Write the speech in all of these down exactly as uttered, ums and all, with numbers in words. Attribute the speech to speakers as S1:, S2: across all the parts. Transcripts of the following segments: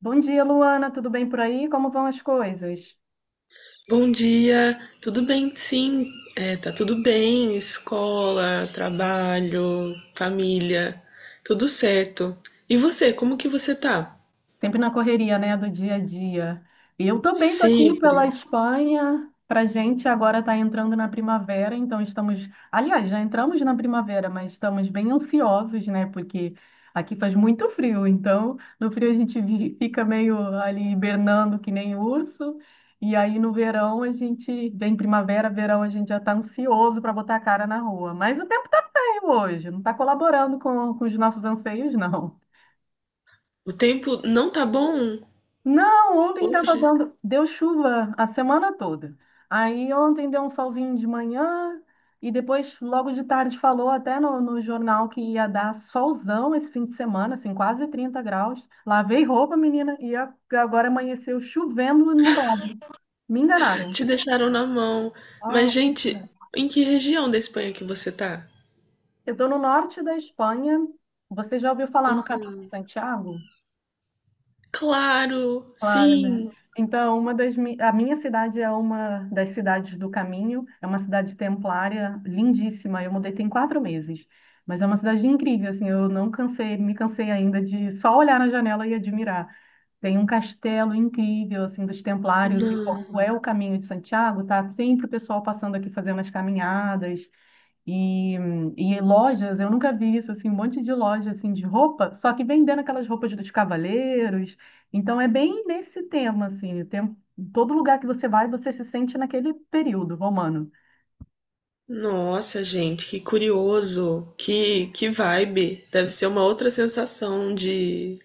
S1: Bom dia, Luana. Tudo bem por aí? Como vão as coisas?
S2: Bom dia, tudo bem? Sim, é, tá tudo bem. Escola, trabalho, família, tudo certo. E você, como que você tá?
S1: Sempre na correria, né, do dia a dia. E eu também estou aqui
S2: Sempre.
S1: pela Espanha. Para gente agora está entrando na primavera, então estamos, aliás, já entramos na primavera, mas estamos bem ansiosos, né? Porque aqui faz muito frio, então no frio a gente vi- fica meio ali hibernando que nem urso. E aí no verão a gente, bem primavera, verão a gente já está ansioso para botar a cara na rua. Mas o tempo está feio hoje, não está colaborando com, com os nossos anseios, não.
S2: O tempo não tá bom
S1: Não, ontem estava
S2: hoje?
S1: dando, deu chuva a semana toda. Aí ontem deu um solzinho de manhã e depois, logo de tarde, falou até no, no jornal que ia dar solzão esse fim de semana, assim, quase trinta graus. Lavei roupa, menina, e a- agora amanheceu chovendo e nublado. Me enganaram.
S2: Te deixaram na mão. Mas,
S1: Ah,
S2: gente, em que região da Espanha que você tá?
S1: eu estou no norte da Espanha. Você já ouviu falar no Caminho de Santiago?
S2: Claro,
S1: Claro, né?
S2: sim.
S1: Então, uma das mi- a minha cidade é uma das cidades do caminho, é uma cidade templária lindíssima. Eu mudei tem quatro meses, mas é uma cidade incrível, assim, eu não cansei, me cansei ainda de só olhar na janela e admirar. Tem um castelo incrível, assim, dos templários e como
S2: Não.
S1: é o caminho de Santiago, tá sempre o pessoal passando aqui fazendo as caminhadas. E, e em lojas, eu nunca vi isso, assim, um monte de loja assim de roupa, só que vendendo aquelas roupas dos cavaleiros. Então é bem nesse tema, assim, o tempo, todo lugar que você vai, você se sente naquele período romano.
S2: Nossa, gente, que curioso. Que, que vibe. Deve ser uma outra sensação de...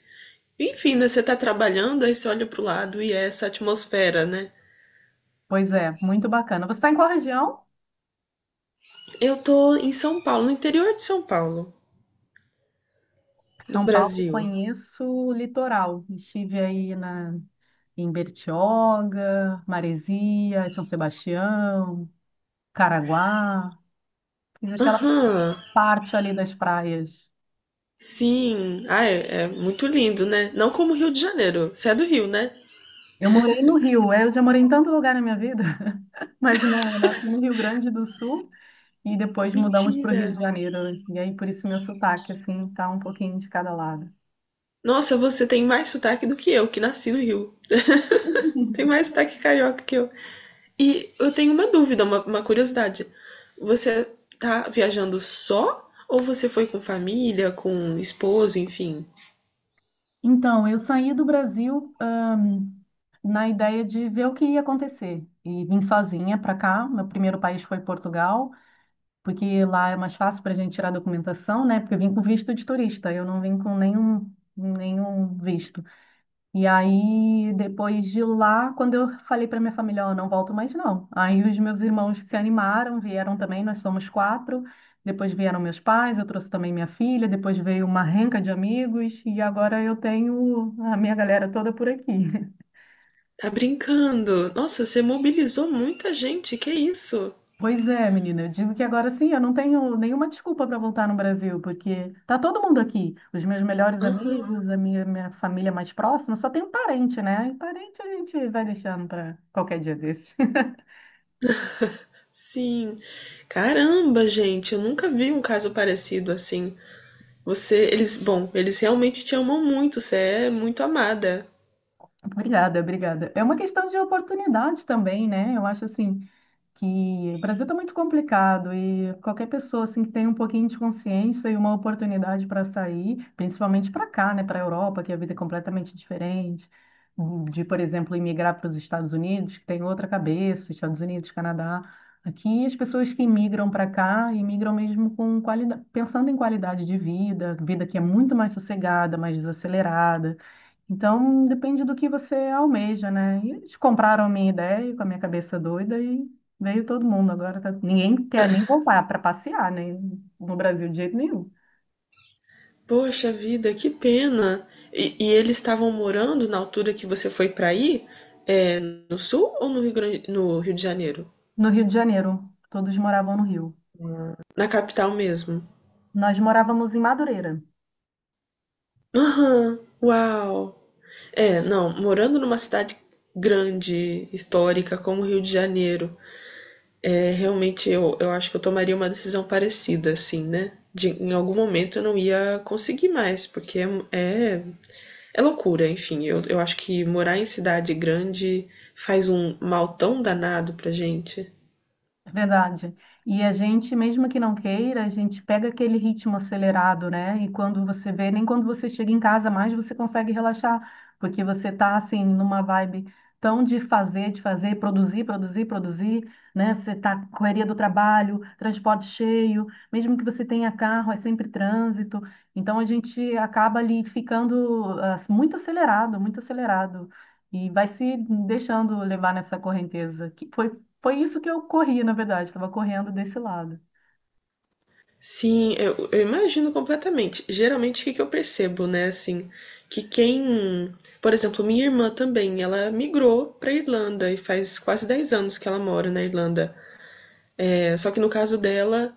S2: Enfim, né? Você tá trabalhando, aí você olha pro lado e é essa atmosfera, né?
S1: Pois é, muito bacana. Você está em qual região?
S2: Eu tô em São Paulo, no interior de São Paulo, do
S1: São Paulo, eu
S2: Brasil.
S1: conheço o litoral. Estive aí na, em Bertioga, Maresias, São Sebastião, Caraguá. Fiz aquela
S2: Aham,
S1: parte ali das praias.
S2: sim. Ah, é, é muito lindo, né? Não como Rio de Janeiro. Você é do Rio, né?
S1: Eu morei no Rio, é, eu já morei em tanto lugar na minha vida, mas não, eu nasci no Rio Grande do Sul e depois mudamos para o
S2: Mentira.
S1: Rio de Janeiro, né? E aí por isso meu sotaque, assim, tá um pouquinho de cada lado.
S2: Nossa, você tem mais sotaque do que eu, que nasci no Rio. Tem mais sotaque carioca que eu. E eu tenho uma dúvida, uma, uma curiosidade. Você tá viajando só ou você foi com família, com esposo, enfim?
S1: Então, eu saí do Brasil, ahn, na ideia de ver o que ia acontecer e vim sozinha para cá. Meu primeiro país foi Portugal, porque lá é mais fácil para a gente tirar documentação, né? Porque eu vim com visto de turista, eu não vim com nenhum, nenhum visto. E aí, depois de lá, quando eu falei para minha família, ó, não volto mais não. Aí os meus irmãos se animaram, vieram também, nós somos quatro. Depois vieram meus pais, eu trouxe também minha filha, depois veio uma renca de amigos e agora eu tenho a minha galera toda por aqui.
S2: Tá brincando? Nossa, você mobilizou muita gente, que isso?
S1: Pois é, menina, eu digo que agora sim, eu não tenho nenhuma desculpa para voltar no Brasil, porque tá todo mundo aqui, os meus melhores
S2: Aham,
S1: amigos, a minha, minha família mais próxima, só tem um parente, né? E parente a gente vai deixando para qualquer dia desses.
S2: sim. Caramba, gente, eu nunca vi um caso parecido assim. Você, eles, bom, eles realmente te amam muito, você é muito amada.
S1: Obrigada, obrigada. É uma questão de oportunidade também, né? Eu acho assim que o Brasil está muito complicado e qualquer pessoa assim que tem um pouquinho de consciência e uma oportunidade para sair, principalmente para cá, né, para a Europa, que a vida é completamente diferente, hum, de, por exemplo, imigrar para os Estados Unidos, que tem outra cabeça, Estados Unidos, Canadá. Aqui as pessoas que imigram para cá, imigram mesmo com qualidade, pensando em qualidade de vida, vida que é muito mais sossegada, mais desacelerada então, depende do que você almeja, né? E eles compraram a minha ideia com a minha cabeça doida e veio todo mundo. Agora tá- ninguém quer nem voltar para passear, né? No Brasil, de jeito nenhum.
S2: Poxa vida, que pena. E, e eles estavam morando na altura que você foi pra ir? É, no sul ou no Rio Grande, no Rio de Janeiro?
S1: No Rio de Janeiro, todos moravam no Rio.
S2: Na capital mesmo?
S1: Nós morávamos em Madureira.
S2: Aham, uau. É, não, morando numa cidade grande, histórica, como o Rio de Janeiro, é, realmente eu, eu acho que eu tomaria uma decisão parecida, assim, né? De, em algum momento eu não ia conseguir mais, porque é, é, é loucura, enfim. Eu, eu acho que morar em cidade grande faz um mal tão danado pra gente.
S1: É verdade. E a gente, mesmo que não queira, a gente pega aquele ritmo acelerado, né? E quando você vê, nem quando você chega em casa mais você consegue relaxar, porque você tá assim numa vibe tão de fazer, de fazer, produzir, produzir, produzir, né? Você tá com correria do trabalho, transporte cheio, mesmo que você tenha carro, é sempre trânsito. Então a gente acaba ali ficando ah, muito acelerado, muito acelerado. E vai se deixando levar nessa correnteza, que foi foi isso que eu corri, na verdade, estava correndo desse lado.
S2: Sim, eu, eu imagino completamente. Geralmente, o que que eu percebo, né, assim, que quem, por exemplo, minha irmã também, ela migrou para Irlanda e faz quase dez anos que ela mora na Irlanda. É, só que no caso dela,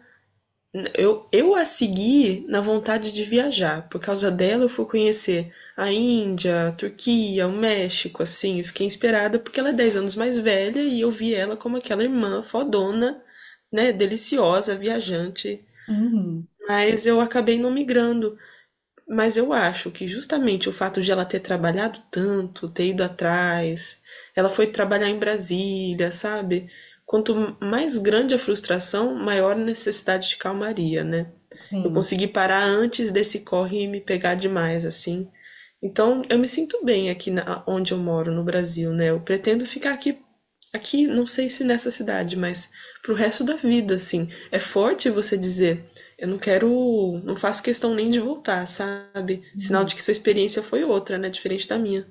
S2: eu, eu a segui na vontade de viajar. Por causa dela, eu fui conhecer a Índia, a Turquia, o México, assim, eu fiquei inspirada porque ela é dez anos mais velha e eu vi ela como aquela irmã fodona, né, deliciosa, viajante.
S1: Uhum,
S2: Mas eu acabei não migrando. Mas eu acho que justamente o fato de ela ter trabalhado tanto, ter ido atrás, ela foi trabalhar em Brasília, sabe? Quanto mais grande a frustração, maior a necessidade de calmaria, né? Eu
S1: sim.
S2: consegui parar antes desse corre e me pegar demais, assim. Então, eu me sinto bem aqui na, onde eu moro, no Brasil, né? Eu pretendo ficar aqui, aqui, não sei se nessa cidade, mas pro resto da vida, assim. É forte você dizer, eu não quero, não faço questão nem de voltar, sabe? Sinal de
S1: Uhum.
S2: que sua experiência foi outra, né? Diferente da minha.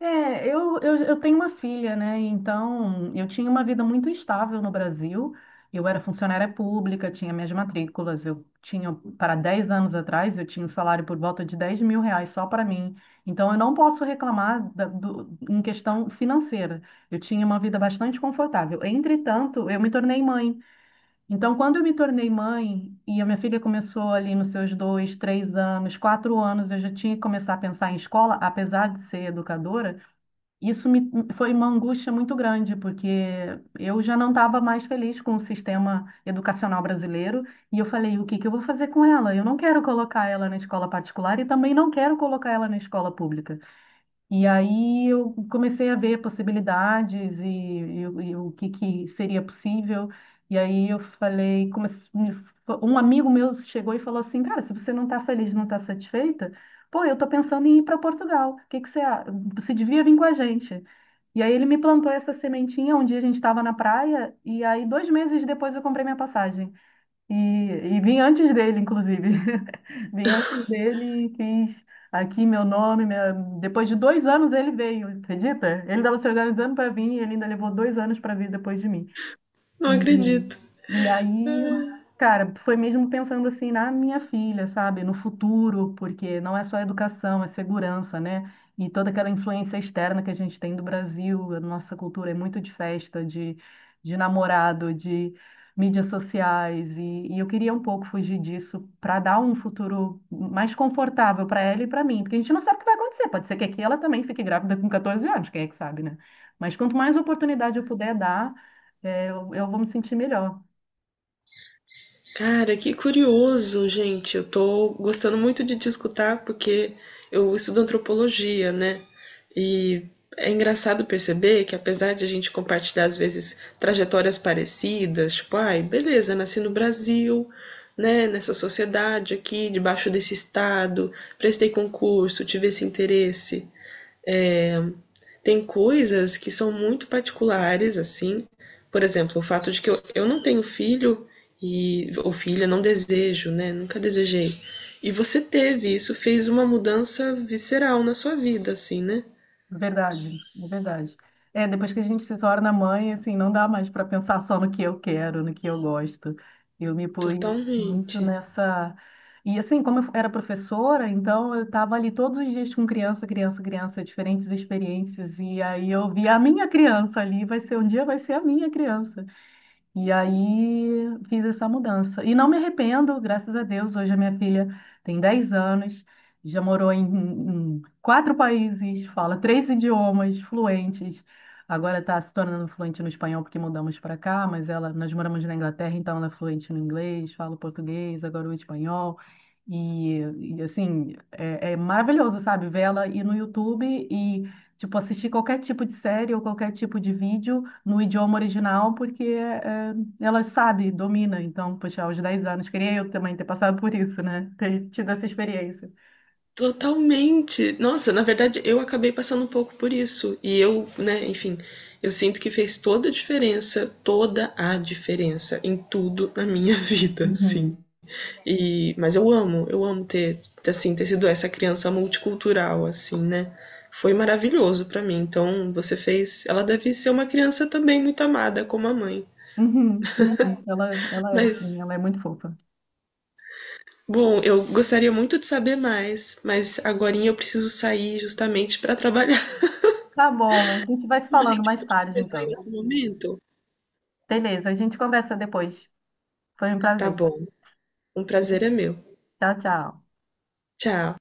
S1: É, eu, eu, eu tenho uma filha, né? Então, eu tinha uma vida muito estável no Brasil. Eu era funcionária pública, tinha minhas matrículas. Eu tinha, para dez anos atrás, eu tinha um salário por volta de dez mil reais só para mim. Então, eu não posso reclamar da- do, em questão financeira. Eu tinha uma vida bastante confortável. Entretanto, eu me tornei mãe. Então, quando eu me tornei mãe e a minha filha começou ali nos seus dois, três anos, quatro anos, eu já tinha que começar a pensar em escola, apesar de ser educadora, isso me foi uma angústia muito grande, porque eu já não estava mais feliz com o sistema educacional brasileiro e eu falei, o que que eu vou fazer com ela? Eu não quero colocar ela na escola particular e também não quero colocar ela na escola pública. E aí eu comecei a ver possibilidades e, e o e o que, que seria possível. E aí eu falei, comece- me um amigo meu chegou e falou assim, cara, se você não está feliz, não está satisfeita, pô, eu estou pensando em ir para Portugal. O que que você, a- você devia vir com a gente? E aí ele me plantou essa sementinha. Um dia a gente estava na praia e aí dois meses depois eu comprei minha passagem. E, e vim antes dele, inclusive. Vim antes dele e fiz aqui meu nome. minha- Depois de dois anos ele veio, acredita? Ele estava se organizando para vir e ele ainda levou dois anos para vir depois de mim.
S2: Não acredito.
S1: E, e aí, cara, foi mesmo pensando assim na minha filha, sabe? No futuro, porque não é só educação, é segurança, né? E toda aquela influência externa que a gente tem do Brasil, a nossa cultura é muito de festa, de, de, namorado, de mídias sociais. E, e eu queria um pouco fugir disso para dar um futuro mais confortável para ela e para mim, porque a gente não sabe o que vai acontecer. Pode ser que aqui ela também fique grávida com 14 anos, quem é que sabe, né? Mas quanto mais oportunidade eu puder dar é, eu, eu vou me sentir melhor,
S2: Cara, que curioso, gente. Eu tô gostando muito de te escutar porque eu estudo antropologia, né? E é engraçado perceber que apesar de a gente compartilhar às vezes trajetórias parecidas, tipo, ai, beleza, nasci no Brasil, né, nessa sociedade aqui, debaixo desse estado, prestei concurso, tive esse interesse. É, tem coisas que são muito particulares, assim. Por exemplo, o fato de que eu, eu não tenho filho e ou filha, não desejo, né? Nunca desejei. E você teve, isso fez uma mudança visceral na sua vida, assim, né?
S1: verdade, é verdade. É, depois que a gente se torna mãe, assim, não dá mais para pensar só no que eu quero, no que eu gosto. Eu me pus muito
S2: Totalmente.
S1: nessa. E assim, como eu era professora, então eu estava ali todos os dias com criança, criança, criança, diferentes experiências. E aí eu via a minha criança ali, vai ser um dia, vai ser a minha criança. E aí fiz essa mudança. E não me arrependo, graças a Deus. Hoje a minha filha tem dez anos, já morou em, em quatro países, fala três idiomas fluentes. Agora está se tornando fluente no espanhol porque mudamos para cá, mas ela, nós moramos na Inglaterra, então ela é fluente no inglês, fala o português, agora o espanhol. E, e, assim, é, é maravilhoso, sabe? Ver ela ir no YouTube e, tipo, assistir qualquer tipo de série ou qualquer tipo de vídeo no idioma original, porque eh, ela sabe, domina. Então, poxa, aos dez anos, queria eu também ter passado por isso, né? Ter tido essa experiência.
S2: Totalmente. Nossa, na verdade, eu acabei passando um pouco por isso. E eu, né, enfim, eu sinto que fez toda a diferença, toda a diferença em tudo na minha vida, assim.
S1: Uhum.
S2: E, mas eu amo, eu amo ter, assim, ter sido essa criança multicultural, assim, né? Foi maravilhoso pra mim. Então, você fez. Ela deve ser uma criança também muito amada, como a mãe.
S1: Uhum. Uhum. Ela, ela é assim,
S2: Mas,
S1: ela é muito fofa.
S2: bom, eu gostaria muito de saber mais, mas agora eu preciso sair justamente pra trabalhar.
S1: Tá bom, a gente vai se
S2: A
S1: falando
S2: gente
S1: mais
S2: pode
S1: tarde,
S2: conversar em
S1: então.
S2: outro momento?
S1: Beleza, a gente conversa depois. Foi um
S2: Tá
S1: prazer.
S2: bom, um prazer é meu.
S1: Tchau, tchau.
S2: Tchau.